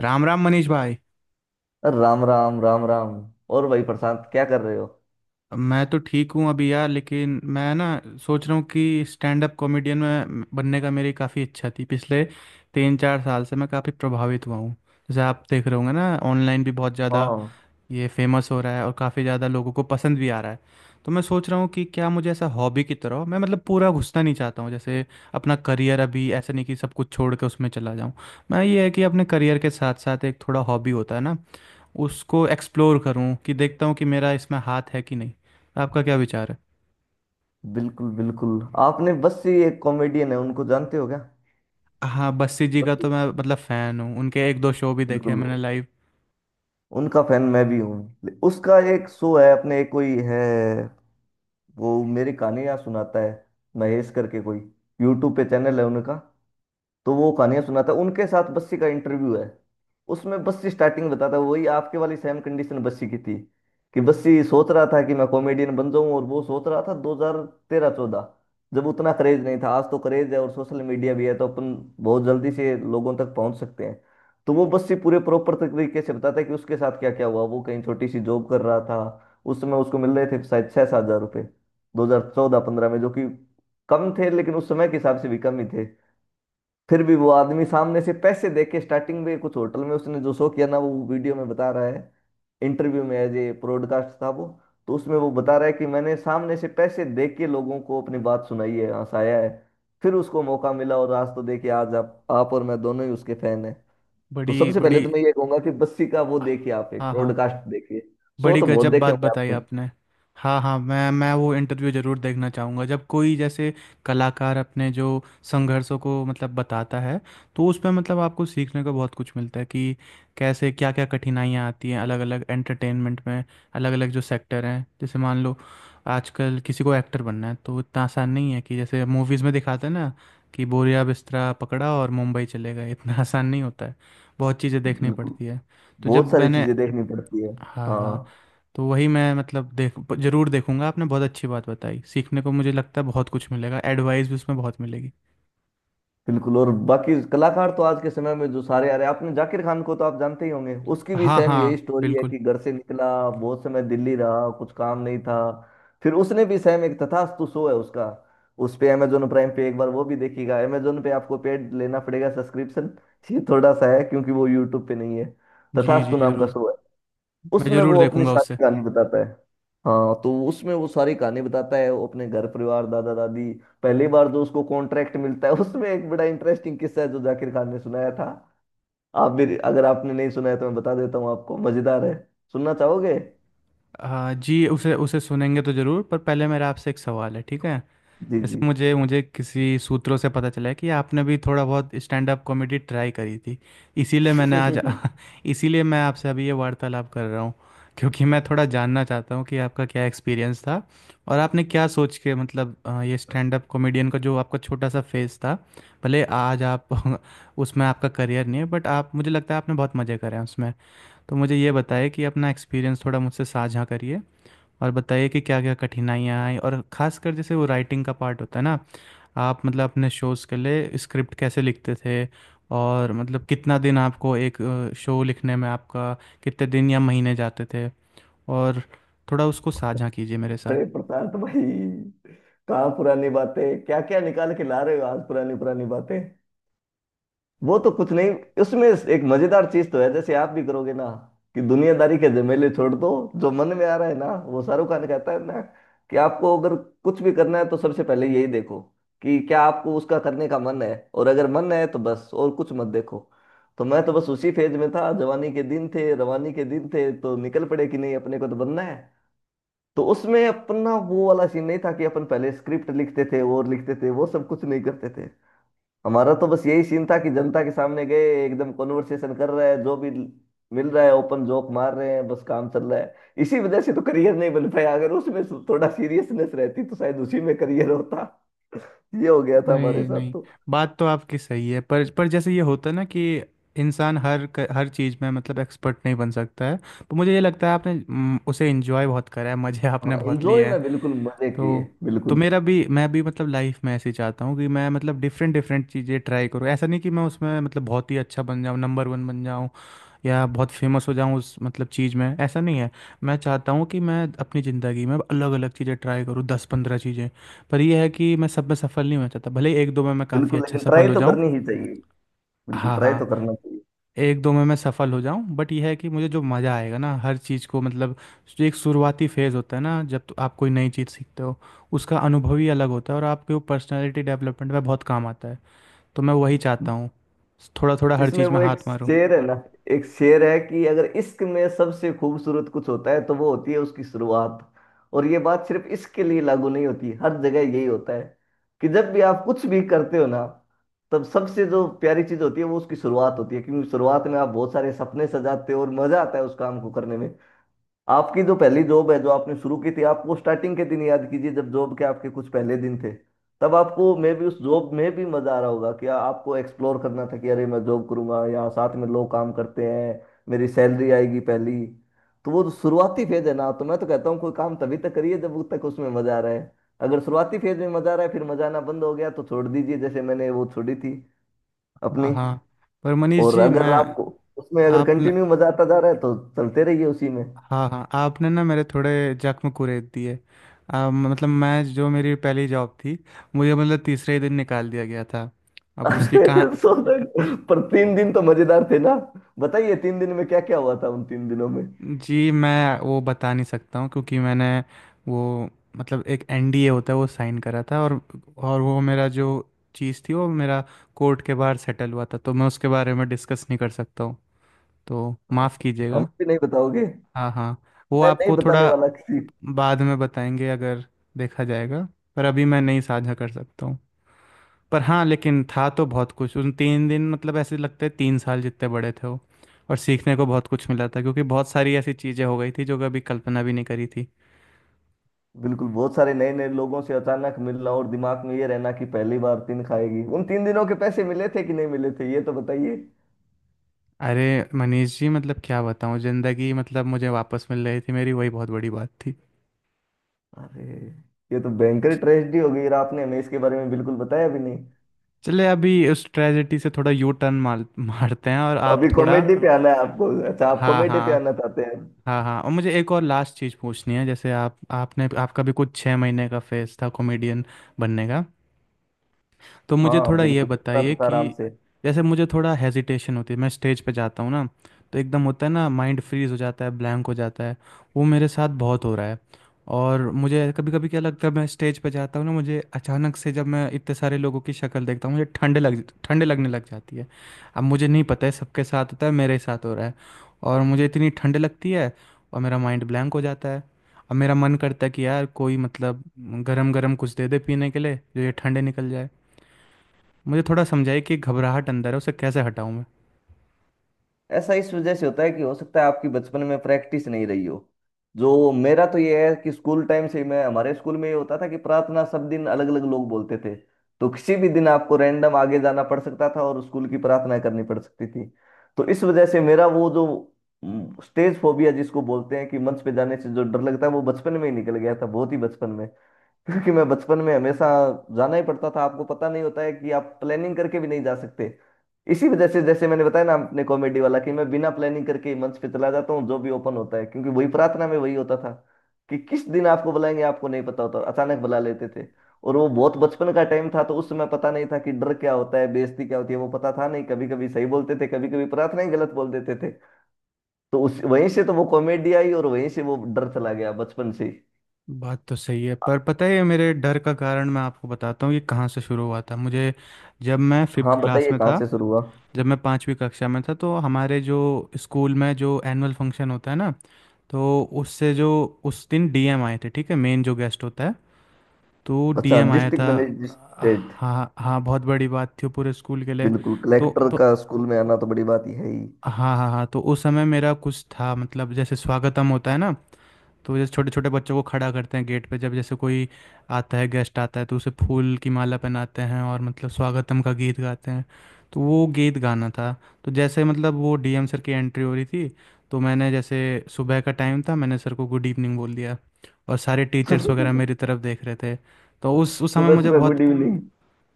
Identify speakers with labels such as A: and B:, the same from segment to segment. A: राम राम मनीष भाई।
B: अरे राम राम राम राम। और भाई प्रशांत, क्या कर रहे हो?
A: मैं तो ठीक हूँ अभी यार, लेकिन मैं ना सोच रहा हूँ कि स्टैंड अप कॉमेडियन में बनने का मेरी काफ़ी इच्छा थी, पिछले 3-4 साल से मैं काफ़ी प्रभावित हुआ हूँ। जैसे आप देख रहे होंगे ना, ऑनलाइन भी बहुत ज़्यादा
B: हाँ,
A: ये फेमस हो रहा है और काफ़ी ज़्यादा लोगों को पसंद भी आ रहा है। तो मैं सोच रहा हूँ कि क्या मुझे ऐसा हॉबी की तरह, मैं मतलब पूरा घुसना नहीं चाहता हूँ, जैसे अपना करियर अभी, ऐसा नहीं कि सब कुछ छोड़ के उसमें चला जाऊँ। मैं ये है कि अपने करियर के साथ साथ एक थोड़ा हॉबी होता है ना, उसको एक्सप्लोर करूं कि देखता हूं कि मेरा इसमें हाथ है कि नहीं। आपका क्या विचार है?
B: बिल्कुल बिल्कुल। आपने बस, ये एक कॉमेडियन है, उनको जानते हो क्या?
A: हाँ, बस्सी जी का
B: बस,
A: तो मैं मतलब फ़ैन हूँ, उनके एक दो शो भी देखे हैं
B: बिल्कुल।
A: मैंने लाइव।
B: उनका फैन मैं भी हूँ। उसका एक शो है, अपने एक कोई है, वो मेरी कहानियां सुनाता है, महेश करके कोई, यूट्यूब पे चैनल है उनका। तो वो कहानियां सुनाता है, उनके साथ बस्सी का इंटरव्यू है। उसमें बस्सी स्टार्टिंग बताता है, वही आपके वाली सेम कंडीशन बस्सी की थी, कि बस्सी सोच रहा था कि मैं कॉमेडियन बन जाऊं। और वो सोच रहा था 2013-14, जब उतना क्रेज नहीं था। आज तो क्रेज है और सोशल मीडिया भी है, तो अपन बहुत जल्दी से लोगों तक पहुंच सकते हैं। तो वो बस्सी पूरे प्रॉपर तरीके से बताता है कि उसके साथ क्या क्या हुआ। वो कहीं छोटी सी जॉब कर रहा था, उस समय उसको मिल रहे थे शायद 6-7 हज़ार रुपये, 2014-15 में, जो कि कम थे, लेकिन उस समय के हिसाब से भी कम ही थे। फिर भी वो आदमी सामने से पैसे दे के स्टार्टिंग में कुछ होटल में उसने जो शो किया ना, वो वीडियो में बता रहा है, इंटरव्यू में, एज ए ब्रॉडकास्ट था वो। तो उसमें वो बता रहा है कि मैंने सामने से पैसे दे के लोगों को अपनी बात सुनाई है, हंसाया है। फिर उसको मौका मिला, और आज तो देखिए, आज आप और मैं दोनों ही उसके फैन हैं। तो
A: बड़ी
B: सबसे पहले
A: बड़ी।
B: तो मैं ये कहूंगा कि बस्सी का वो देखिए, आप एक
A: हाँ हाँ,
B: ब्रॉडकास्ट देखिए, शो
A: बड़ी
B: तो बहुत
A: गजब
B: देखे
A: बात
B: होंगे
A: बताई
B: आपने।
A: आपने। हाँ हाँ, मैं वो इंटरव्यू ज़रूर देखना चाहूँगा, जब कोई जैसे कलाकार अपने जो संघर्षों को मतलब बताता है, तो उसमें मतलब आपको सीखने को बहुत कुछ मिलता है कि कैसे क्या क्या कठिनाइयाँ आती हैं, अलग अलग एंटरटेनमेंट में, अलग अलग जो सेक्टर हैं। जैसे मान लो, आजकल किसी को एक्टर बनना है तो इतना आसान नहीं है, कि जैसे मूवीज़ में दिखाते हैं ना, कि बोरिया बिस्तरा पकड़ा और मुंबई चले गए, इतना आसान नहीं होता है, बहुत चीज़ें देखनी
B: बिल्कुल,
A: पड़ती है। तो
B: बहुत
A: जब
B: सारी
A: मैंने।
B: चीजें देखनी पड़ती है।
A: हाँ हाँ।
B: हाँ,
A: तो वही मैं मतलब देख जरूर देखूंगा, आपने बहुत अच्छी बात बताई, सीखने को मुझे लगता है बहुत कुछ मिलेगा, एडवाइस भी उसमें बहुत मिलेगी।
B: बिल्कुल। और बाकी कलाकार तो आज के समय में जो सारे आ रहे हैं, आपने जाकिर खान को तो आप जानते ही होंगे, उसकी भी
A: हाँ
B: सेम यही
A: हाँ
B: स्टोरी है
A: बिल्कुल।
B: कि घर से निकला, बहुत समय दिल्ली रहा, कुछ काम नहीं था। फिर उसने भी सेम, एक तथास्तु शो है उसका, उस पे अमेजोन प्राइम पे एक बार वो भी देखिएगा। अमेजोन पे आपको पेड लेना पड़ेगा सब्सक्रिप्शन, ये थोड़ा सा है, क्योंकि वो यूट्यूब पे नहीं है।
A: जी जी
B: तथास्तु नाम का
A: जरूर।
B: शो है,
A: मैं
B: उसमें
A: जरूर
B: वो अपनी
A: देखूंगा
B: सारी
A: उसे।
B: कहानी बताता है। हाँ, तो उसमें वो सारी कहानी बताता है, वो अपने घर परिवार, दादा दादी, पहली बार जो उसको कॉन्ट्रैक्ट मिलता है उसमें एक बड़ा इंटरेस्टिंग किस्सा है जो जाकिर खान ने सुनाया था। आप भी, अगर आपने नहीं सुनाया तो मैं बता देता हूँ आपको, मजेदार है। सुनना चाहोगे?
A: हाँ जी, उसे उसे सुनेंगे तो जरूर, पर पहले मेरा आपसे एक सवाल है, ठीक है?
B: जी जी।
A: वैसे मुझे मुझे किसी सूत्रों से पता चला है कि आपने भी थोड़ा बहुत स्टैंड अप कॉमेडी ट्राई करी थी, इसीलिए मैंने आज इसीलिए मैं आपसे अभी ये वार्तालाप कर रहा हूँ। क्योंकि मैं थोड़ा जानना चाहता हूँ कि आपका क्या एक्सपीरियंस था, और आपने क्या सोच के मतलब ये स्टैंड अप कॉमेडियन का जो आपका छोटा सा फेज था, भले आज आप उसमें आपका करियर नहीं है, बट आप, मुझे लगता है, आपने बहुत मज़े करे हैं उसमें। तो मुझे ये बताइए कि अपना एक्सपीरियंस थोड़ा मुझसे साझा करिए, और बताइए कि क्या क्या कठिनाइयाँ आई, और ख़ासकर जैसे वो राइटिंग का पार्ट होता है ना, आप मतलब अपने शोज़ के लिए स्क्रिप्ट कैसे लिखते थे, और मतलब कितना दिन आपको एक शो लिखने में आपका कितने दिन या महीने जाते थे, और थोड़ा उसको साझा कीजिए मेरे साथ।
B: अरे प्रशांत भाई, कहाँ पुरानी बातें क्या क्या निकाल के ला रहे हो आज, पुरानी पुरानी बातें। वो तो कुछ नहीं, उसमें एक मजेदार चीज तो है, जैसे आप भी करोगे ना, कि दुनियादारी के झमेले छोड़ दो, जो मन में आ रहा है ना, वो शाहरुख खान कहता है ना, कि आपको अगर कुछ भी करना है, तो सबसे पहले यही देखो कि क्या आपको उसका करने का मन है, और अगर मन है तो बस, और कुछ मत देखो। तो मैं तो बस उसी फेज में था, जवानी के दिन थे, रवानी के दिन थे, तो निकल पड़े कि नहीं, अपने को तो बनना है। तो उसमें अपना वो वाला सीन नहीं था कि अपन पहले स्क्रिप्ट लिखते थे और लिखते थे, वो सब कुछ नहीं करते थे। हमारा तो बस यही सीन था कि जनता के सामने गए, एकदम कॉन्वर्सेशन कर रहे हैं, जो भी मिल रहा है ओपन जोक मार रहे हैं, बस काम चल रहा है। इसी वजह से तो करियर नहीं बन पाया, अगर उसमें थोड़ा सीरियसनेस रहती तो शायद उसी में करियर होता। ये हो गया था हमारे
A: नहीं
B: साथ
A: नहीं।
B: तो।
A: बात तो आपकी सही है, पर जैसे ये होता है ना कि इंसान हर हर चीज़ में मतलब एक्सपर्ट नहीं बन सकता है, तो मुझे ये लगता है आपने, उसे एंजॉय बहुत करा है, मज़े आपने
B: हाँ,
A: बहुत लिए
B: एंजॉय
A: हैं।
B: में बिल्कुल मजे किए
A: तो तो
B: बिल्कुल।
A: मेरा भी मैं भी मतलब लाइफ में ऐसे ही चाहता हूँ कि मैं मतलब डिफरेंट डिफरेंट चीज़ें ट्राई करूँ, ऐसा नहीं कि मैं उसमें मतलब बहुत ही अच्छा बन जाऊँ, नंबर वन बन जाऊँ या बहुत फेमस हो जाऊँ उस मतलब चीज़ में, ऐसा नहीं है। मैं चाहता हूँ कि मैं अपनी ज़िंदगी में अलग अलग चीज़ें ट्राई करूँ, 10-15 चीज़ें, पर यह है कि मैं सब में सफल नहीं होना चाहता, भले ही एक दो में मैं काफ़ी
B: बिल्कुल,
A: अच्छा
B: लेकिन
A: सफल
B: ट्राई
A: हो
B: तो
A: जाऊँ।
B: करनी ही चाहिए। बिल्कुल,
A: हाँ
B: ट्राई
A: हाँ।
B: तो करना चाहिए।
A: एक दो में मैं सफल हो जाऊं, बट यह है कि मुझे जो मज़ा आएगा ना हर चीज़ को, मतलब जो एक शुरुआती फेज़ होता है ना, जब तो आप कोई नई चीज़ सीखते हो, उसका अनुभव ही अलग होता है, और आपके वो पर्सनैलिटी डेवलपमेंट में बहुत काम आता है, तो मैं वही चाहता हूँ, थोड़ा थोड़ा हर
B: इसमें
A: चीज़ में
B: वो एक
A: हाथ मारूँ।
B: शेर है ना, एक शेर है कि अगर इश्क में सबसे खूबसूरत कुछ होता है तो वो होती है उसकी शुरुआत। और ये बात सिर्फ इश्क के लिए लागू नहीं होती, हर जगह यही होता है कि जब भी आप कुछ भी करते हो ना, तब सबसे जो प्यारी चीज होती है वो उसकी शुरुआत होती है, क्योंकि शुरुआत में आप बहुत सारे सपने सजाते हो और मजा आता है उस काम को करने में। आपकी जो पहली जॉब है, जो आपने शुरू की थी, आपको स्टार्टिंग के दिन याद कीजिए, जब जॉब के आपके कुछ पहले दिन थे, तब आपको मे भी उस जॉब में भी मजा आ रहा होगा कि आपको एक्सप्लोर करना था कि अरे मैं जॉब करूंगा, यहाँ साथ में लोग काम करते हैं, मेरी सैलरी आएगी पहली। तो वो जो शुरुआती फेज है ना, तो मैं तो कहता हूँ कोई काम तभी तक करिए जब तक उसमें मजा आ रहा है। अगर शुरुआती फेज में मजा आ रहा है, फिर मजा आना बंद हो गया, तो छोड़ दीजिए, जैसे मैंने वो छोड़ी थी
A: हाँ
B: अपनी।
A: हाँ। पर मनीष
B: और
A: जी
B: अगर
A: मैं।
B: आपको, उसमें अगर
A: आपने।
B: कंटिन्यू मजा आता जा रहा है, तो चलते रहिए उसी में।
A: हाँ हाँ, आपने ना मेरे थोड़े जख्म कुरेद दिए, मतलब मैं जो मेरी पहली जॉब थी, मुझे मतलब तीसरे ही दिन निकाल दिया गया था, अब उसकी कहाँ।
B: सो तक पर तीन दिन तो मजेदार थे ना, बताइए तीन दिन में क्या क्या हुआ था उन तीन दिनों में।
A: जी, मैं वो बता नहीं सकता हूँ, क्योंकि मैंने वो मतलब एक एनडीए होता है वो साइन करा था, और वो मेरा जो चीज़ थी, वो मेरा कोर्ट के बाहर सेटल हुआ था, तो मैं उसके बारे में डिस्कस नहीं कर सकता हूँ, तो माफ़
B: हम
A: कीजिएगा।
B: भी नहीं बताओगे?
A: हाँ हाँ, वो
B: मैं नहीं
A: आपको
B: बताने
A: थोड़ा
B: वाला किसी।
A: बाद में बताएंगे, अगर देखा जाएगा, पर अभी मैं नहीं साझा कर सकता हूँ। पर हाँ, लेकिन था तो बहुत कुछ, उन 3 दिन मतलब ऐसे लगते हैं 3 साल जितने बड़े थे वो, और सीखने को बहुत कुछ मिला था, क्योंकि बहुत सारी ऐसी चीज़ें हो गई थी जो कभी कल्पना भी नहीं करी थी।
B: बिल्कुल, बहुत सारे नए नए लोगों से अचानक मिलना, और दिमाग में ये रहना कि पहली बार। तीन खाएगी उन तीन दिनों के पैसे मिले थे कि नहीं मिले थे, ये तो बताइए।
A: अरे मनीष जी, मतलब क्या बताऊँ, ज़िंदगी मतलब मुझे वापस मिल रही थी मेरी, वही बहुत बड़ी बात थी।
B: अरे, ये तो भयंकर
A: च-
B: ट्रेजेडी हो गई, और आपने हमें इसके बारे में बिल्कुल बताया भी नहीं।
A: चले अभी उस ट्रेजेडी से थोड़ा यू टर्न मारते हैं, और आप
B: अभी
A: थोड़ा।
B: कॉमेडी पे आना है आपको? अच्छा, आप
A: हाँ
B: कॉमेडी पे
A: हाँ
B: आना चाहते हैं।
A: हाँ हाँ, और मुझे एक और लास्ट चीज़ पूछनी है, जैसे आप आपने आपका भी कुछ 6 महीने का फेज था कॉमेडियन बनने का, तो मुझे
B: हाँ
A: थोड़ा ये
B: बिल्कुल, इतना
A: बताइए
B: तो था आराम
A: कि
B: से।
A: जैसे मुझे थोड़ा हेजिटेशन होती है, मैं स्टेज पे जाता हूँ ना तो एकदम होता है ना, माइंड फ्रीज हो जाता है, ब्लैंक हो जाता है, वो मेरे साथ बहुत हो रहा है। और मुझे कभी कभी क्या लगता है, मैं स्टेज पे जाता हूँ ना, मुझे अचानक से जब मैं इतने सारे लोगों की शक्ल देखता हूँ, मुझे ठंड लगने लग जाती है, अब मुझे नहीं पता है सबके साथ होता है, मेरे साथ हो रहा है, और मुझे इतनी ठंड लगती है, और मेरा माइंड ब्लैंक हो जाता है। अब मेरा मन करता है कि यार कोई मतलब गरम गरम कुछ दे दे पीने के लिए, जो ये ठंडे निकल जाए, मुझे थोड़ा समझाइए कि घबराहट अंदर है उसे कैसे हटाऊं मैं।
B: ऐसा इस वजह से होता है कि हो सकता है आपकी बचपन में प्रैक्टिस नहीं रही हो। जो मेरा तो ये है कि स्कूल टाइम से ही मैं, हमारे स्कूल में ये होता था कि प्रार्थना सब दिन अलग अलग लोग बोलते थे। तो किसी भी दिन आपको रैंडम आगे जाना पड़ सकता था और स्कूल की प्रार्थना करनी पड़ सकती थी। तो इस वजह से मेरा वो जो स्टेज फोबिया जिसको बोलते हैं कि मंच पे जाने से जो डर लगता है, वो बचपन में ही निकल गया था, बहुत ही बचपन में। क्योंकि मैं बचपन में हमेशा जाना ही पड़ता था, आपको पता नहीं होता है कि आप प्लानिंग करके भी नहीं जा सकते। इसी वजह से, जैसे मैंने बताया ना अपने कॉमेडी वाला, कि मैं बिना प्लानिंग करके ही मंच पे चला जाता हूँ, जो भी ओपन होता है, क्योंकि वही प्रार्थना में वही होता था कि किस दिन आपको बुलाएंगे आपको नहीं पता होता, और अचानक बुला लेते थे। और वो बहुत बचपन का टाइम था, तो उस समय पता नहीं था कि डर क्या होता है, बेइज्जती क्या होती है, वो पता था नहीं। कभी कभी सही बोलते थे, कभी कभी प्रार्थना ही गलत बोल देते थे। तो उस, वहीं से तो वो कॉमेडी आई, और वहीं से वो डर चला गया, बचपन से ही।
A: बात तो सही है, पर पता है, ये मेरे डर का कारण मैं आपको बताता हूँ, ये कहाँ से शुरू हुआ था मुझे। जब मैं फिफ्थ
B: हाँ,
A: क्लास
B: बताइए
A: में
B: कहाँ
A: था,
B: से शुरू हुआ।
A: जब मैं पाँचवीं कक्षा में था, तो हमारे जो स्कूल में जो एनुअल फंक्शन होता है ना, तो उससे जो उस दिन डीएम आए थे, ठीक है, मेन जो गेस्ट होता है, तो
B: अच्छा,
A: डीएम आया
B: डिस्ट्रिक्ट
A: था।
B: मैजिस्ट्रेट।
A: हाँ हाँ, बहुत बड़ी बात थी वो पूरे स्कूल के लिए।
B: बिल्कुल,
A: तो
B: कलेक्टर
A: तो
B: का स्कूल में आना तो बड़ी बात ही है ही।
A: हाँ हाँ हाँ, तो उस समय मेरा कुछ था, मतलब जैसे स्वागतम होता है ना, तो जैसे छोटे छोटे बच्चों को खड़ा करते हैं गेट पे, जब जैसे कोई आता है, गेस्ट आता है तो उसे फूल की माला पहनाते हैं और मतलब स्वागतम का गीत गाते हैं, तो वो गीत गाना था। तो जैसे मतलब वो डीएम सर की एंट्री हो रही थी, तो मैंने जैसे, सुबह का टाइम था, मैंने सर को गुड इवनिंग बोल दिया, और सारे टीचर्स वगैरह मेरी तरफ देख रहे थे। तो उस समय
B: सुबह
A: मुझे
B: सुबह
A: बहुत,
B: गुड इवनिंग!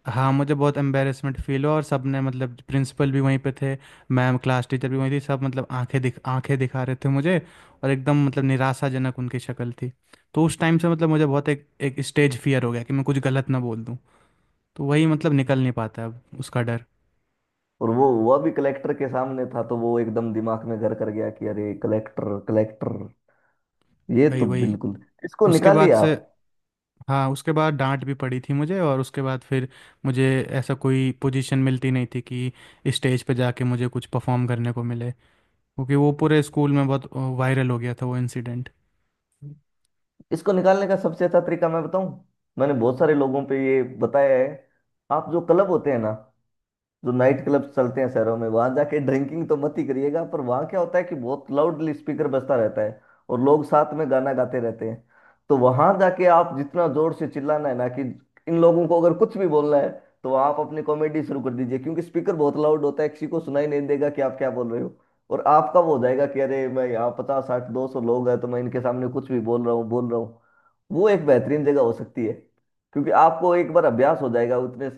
A: हाँ, मुझे बहुत एम्बेरसमेंट फील हुआ, और सबने मतलब प्रिंसिपल भी वहीं पे थे, मैम क्लास टीचर भी वहीं थी, सब मतलब आंखें दिखा रहे थे मुझे, और एकदम मतलब निराशाजनक उनकी शक्ल थी। तो उस टाइम से मतलब मुझे बहुत एक एक स्टेज फियर हो गया कि मैं कुछ गलत ना बोल दूँ, तो वही मतलब निकल नहीं पाता अब उसका डर।
B: और वो, वह भी कलेक्टर के सामने था, तो वो एकदम दिमाग में घर कर गया, कि अरे कलेक्टर, कलेक्टर ये
A: वही
B: तो
A: वही,
B: बिल्कुल, इसको
A: उसके बाद
B: निकालिए
A: से।
B: आप।
A: हाँ, उसके बाद डांट भी पड़ी थी मुझे, और उसके बाद फिर मुझे ऐसा कोई पोजीशन मिलती नहीं थी कि स्टेज पे जाके मुझे कुछ परफॉर्म करने को मिले, क्योंकि वो पूरे स्कूल में बहुत वायरल हो गया था वो इंसिडेंट।
B: इसको निकालने का सबसे अच्छा तरीका मैं बताऊं। मैंने बहुत सारे लोगों पे ये बताया है। आप जो क्लब होते हैं ना, जो नाइट क्लब्स चलते हैं शहरों में, वहां जाके ड्रिंकिंग तो मत ही करिएगा, पर वहां क्या होता है कि बहुत लाउडली स्पीकर बजता रहता है, और लोग साथ में गाना गाते रहते हैं। तो वहां जाके आप जितना जोर से चिल्लाना है ना, कि इन लोगों को अगर कुछ भी बोलना है, तो आप अपनी कॉमेडी शुरू कर दीजिए, क्योंकि स्पीकर बहुत लाउड होता है, किसी को सुनाई नहीं देगा कि आप क्या बोल रहे हो। और आपका वो हो जाएगा कि अरे मैं यहाँ, 50-60, 200 लोग हैं, तो मैं इनके सामने कुछ भी बोल रहा हूँ। वो एक बेहतरीन जगह हो सकती है, क्योंकि आपको एक बार अभ्यास हो जाएगा उतने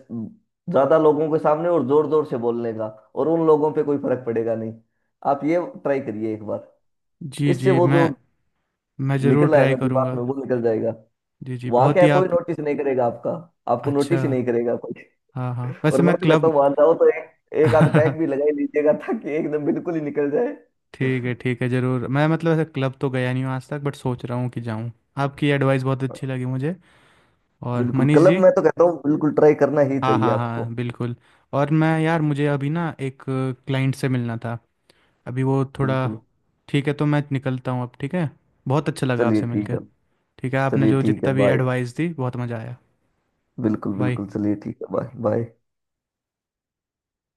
B: ज्यादा लोगों के सामने और जोर जोर से बोलने का। और उन लोगों पे कोई फर्क पड़ेगा नहीं। आप ये ट्राई करिए एक बार।
A: जी
B: इससे
A: जी,
B: वो
A: मैं
B: जो
A: मैं ज़रूर
B: निकला है
A: ट्राई
B: ना दिमाग
A: करूँगा।
B: में, वो निकल जाएगा।
A: जी जी,
B: वहां
A: बहुत
B: क्या
A: ही
B: है, कोई
A: आप।
B: नोटिस नहीं करेगा आपका, आपको
A: अच्छा।
B: नोटिस ही नहीं करेगा कोई।
A: हाँ हाँ,
B: और
A: वैसे मैं
B: मैं तो कहता
A: क्लब
B: हूँ वहां जाओ तो एक एक आध पैक भी लगा ही लीजिएगा, ताकि एकदम बिल्कुल ही निकल जाए।
A: ठीक है ज़रूर, मैं मतलब ऐसे क्लब तो गया नहीं हूँ आज तक, बट सोच रहा हूँ कि जाऊँ, आपकी एडवाइस बहुत अच्छी लगी मुझे। और
B: बिल्कुल,
A: मनीष
B: क्लब
A: जी,
B: में तो कहता हूँ बिल्कुल ट्राई करना ही
A: हाँ
B: चाहिए
A: हाँ
B: आपको।
A: हाँ बिल्कुल, और मैं यार, मुझे अभी ना एक क्लाइंट से मिलना था, अभी वो थोड़ा,
B: बिल्कुल,
A: ठीक है तो मैं निकलता हूँ अब, ठीक है, बहुत अच्छा लगा
B: चलिए
A: आपसे
B: ठीक
A: मिलकर,
B: है।
A: ठीक है आपने
B: चलिए
A: जो
B: ठीक है,
A: जितना भी
B: बाय।
A: एडवाइस दी बहुत मज़ा आया,
B: बिल्कुल
A: बाय।
B: बिल्कुल, चलिए ठीक है, बाय बाय।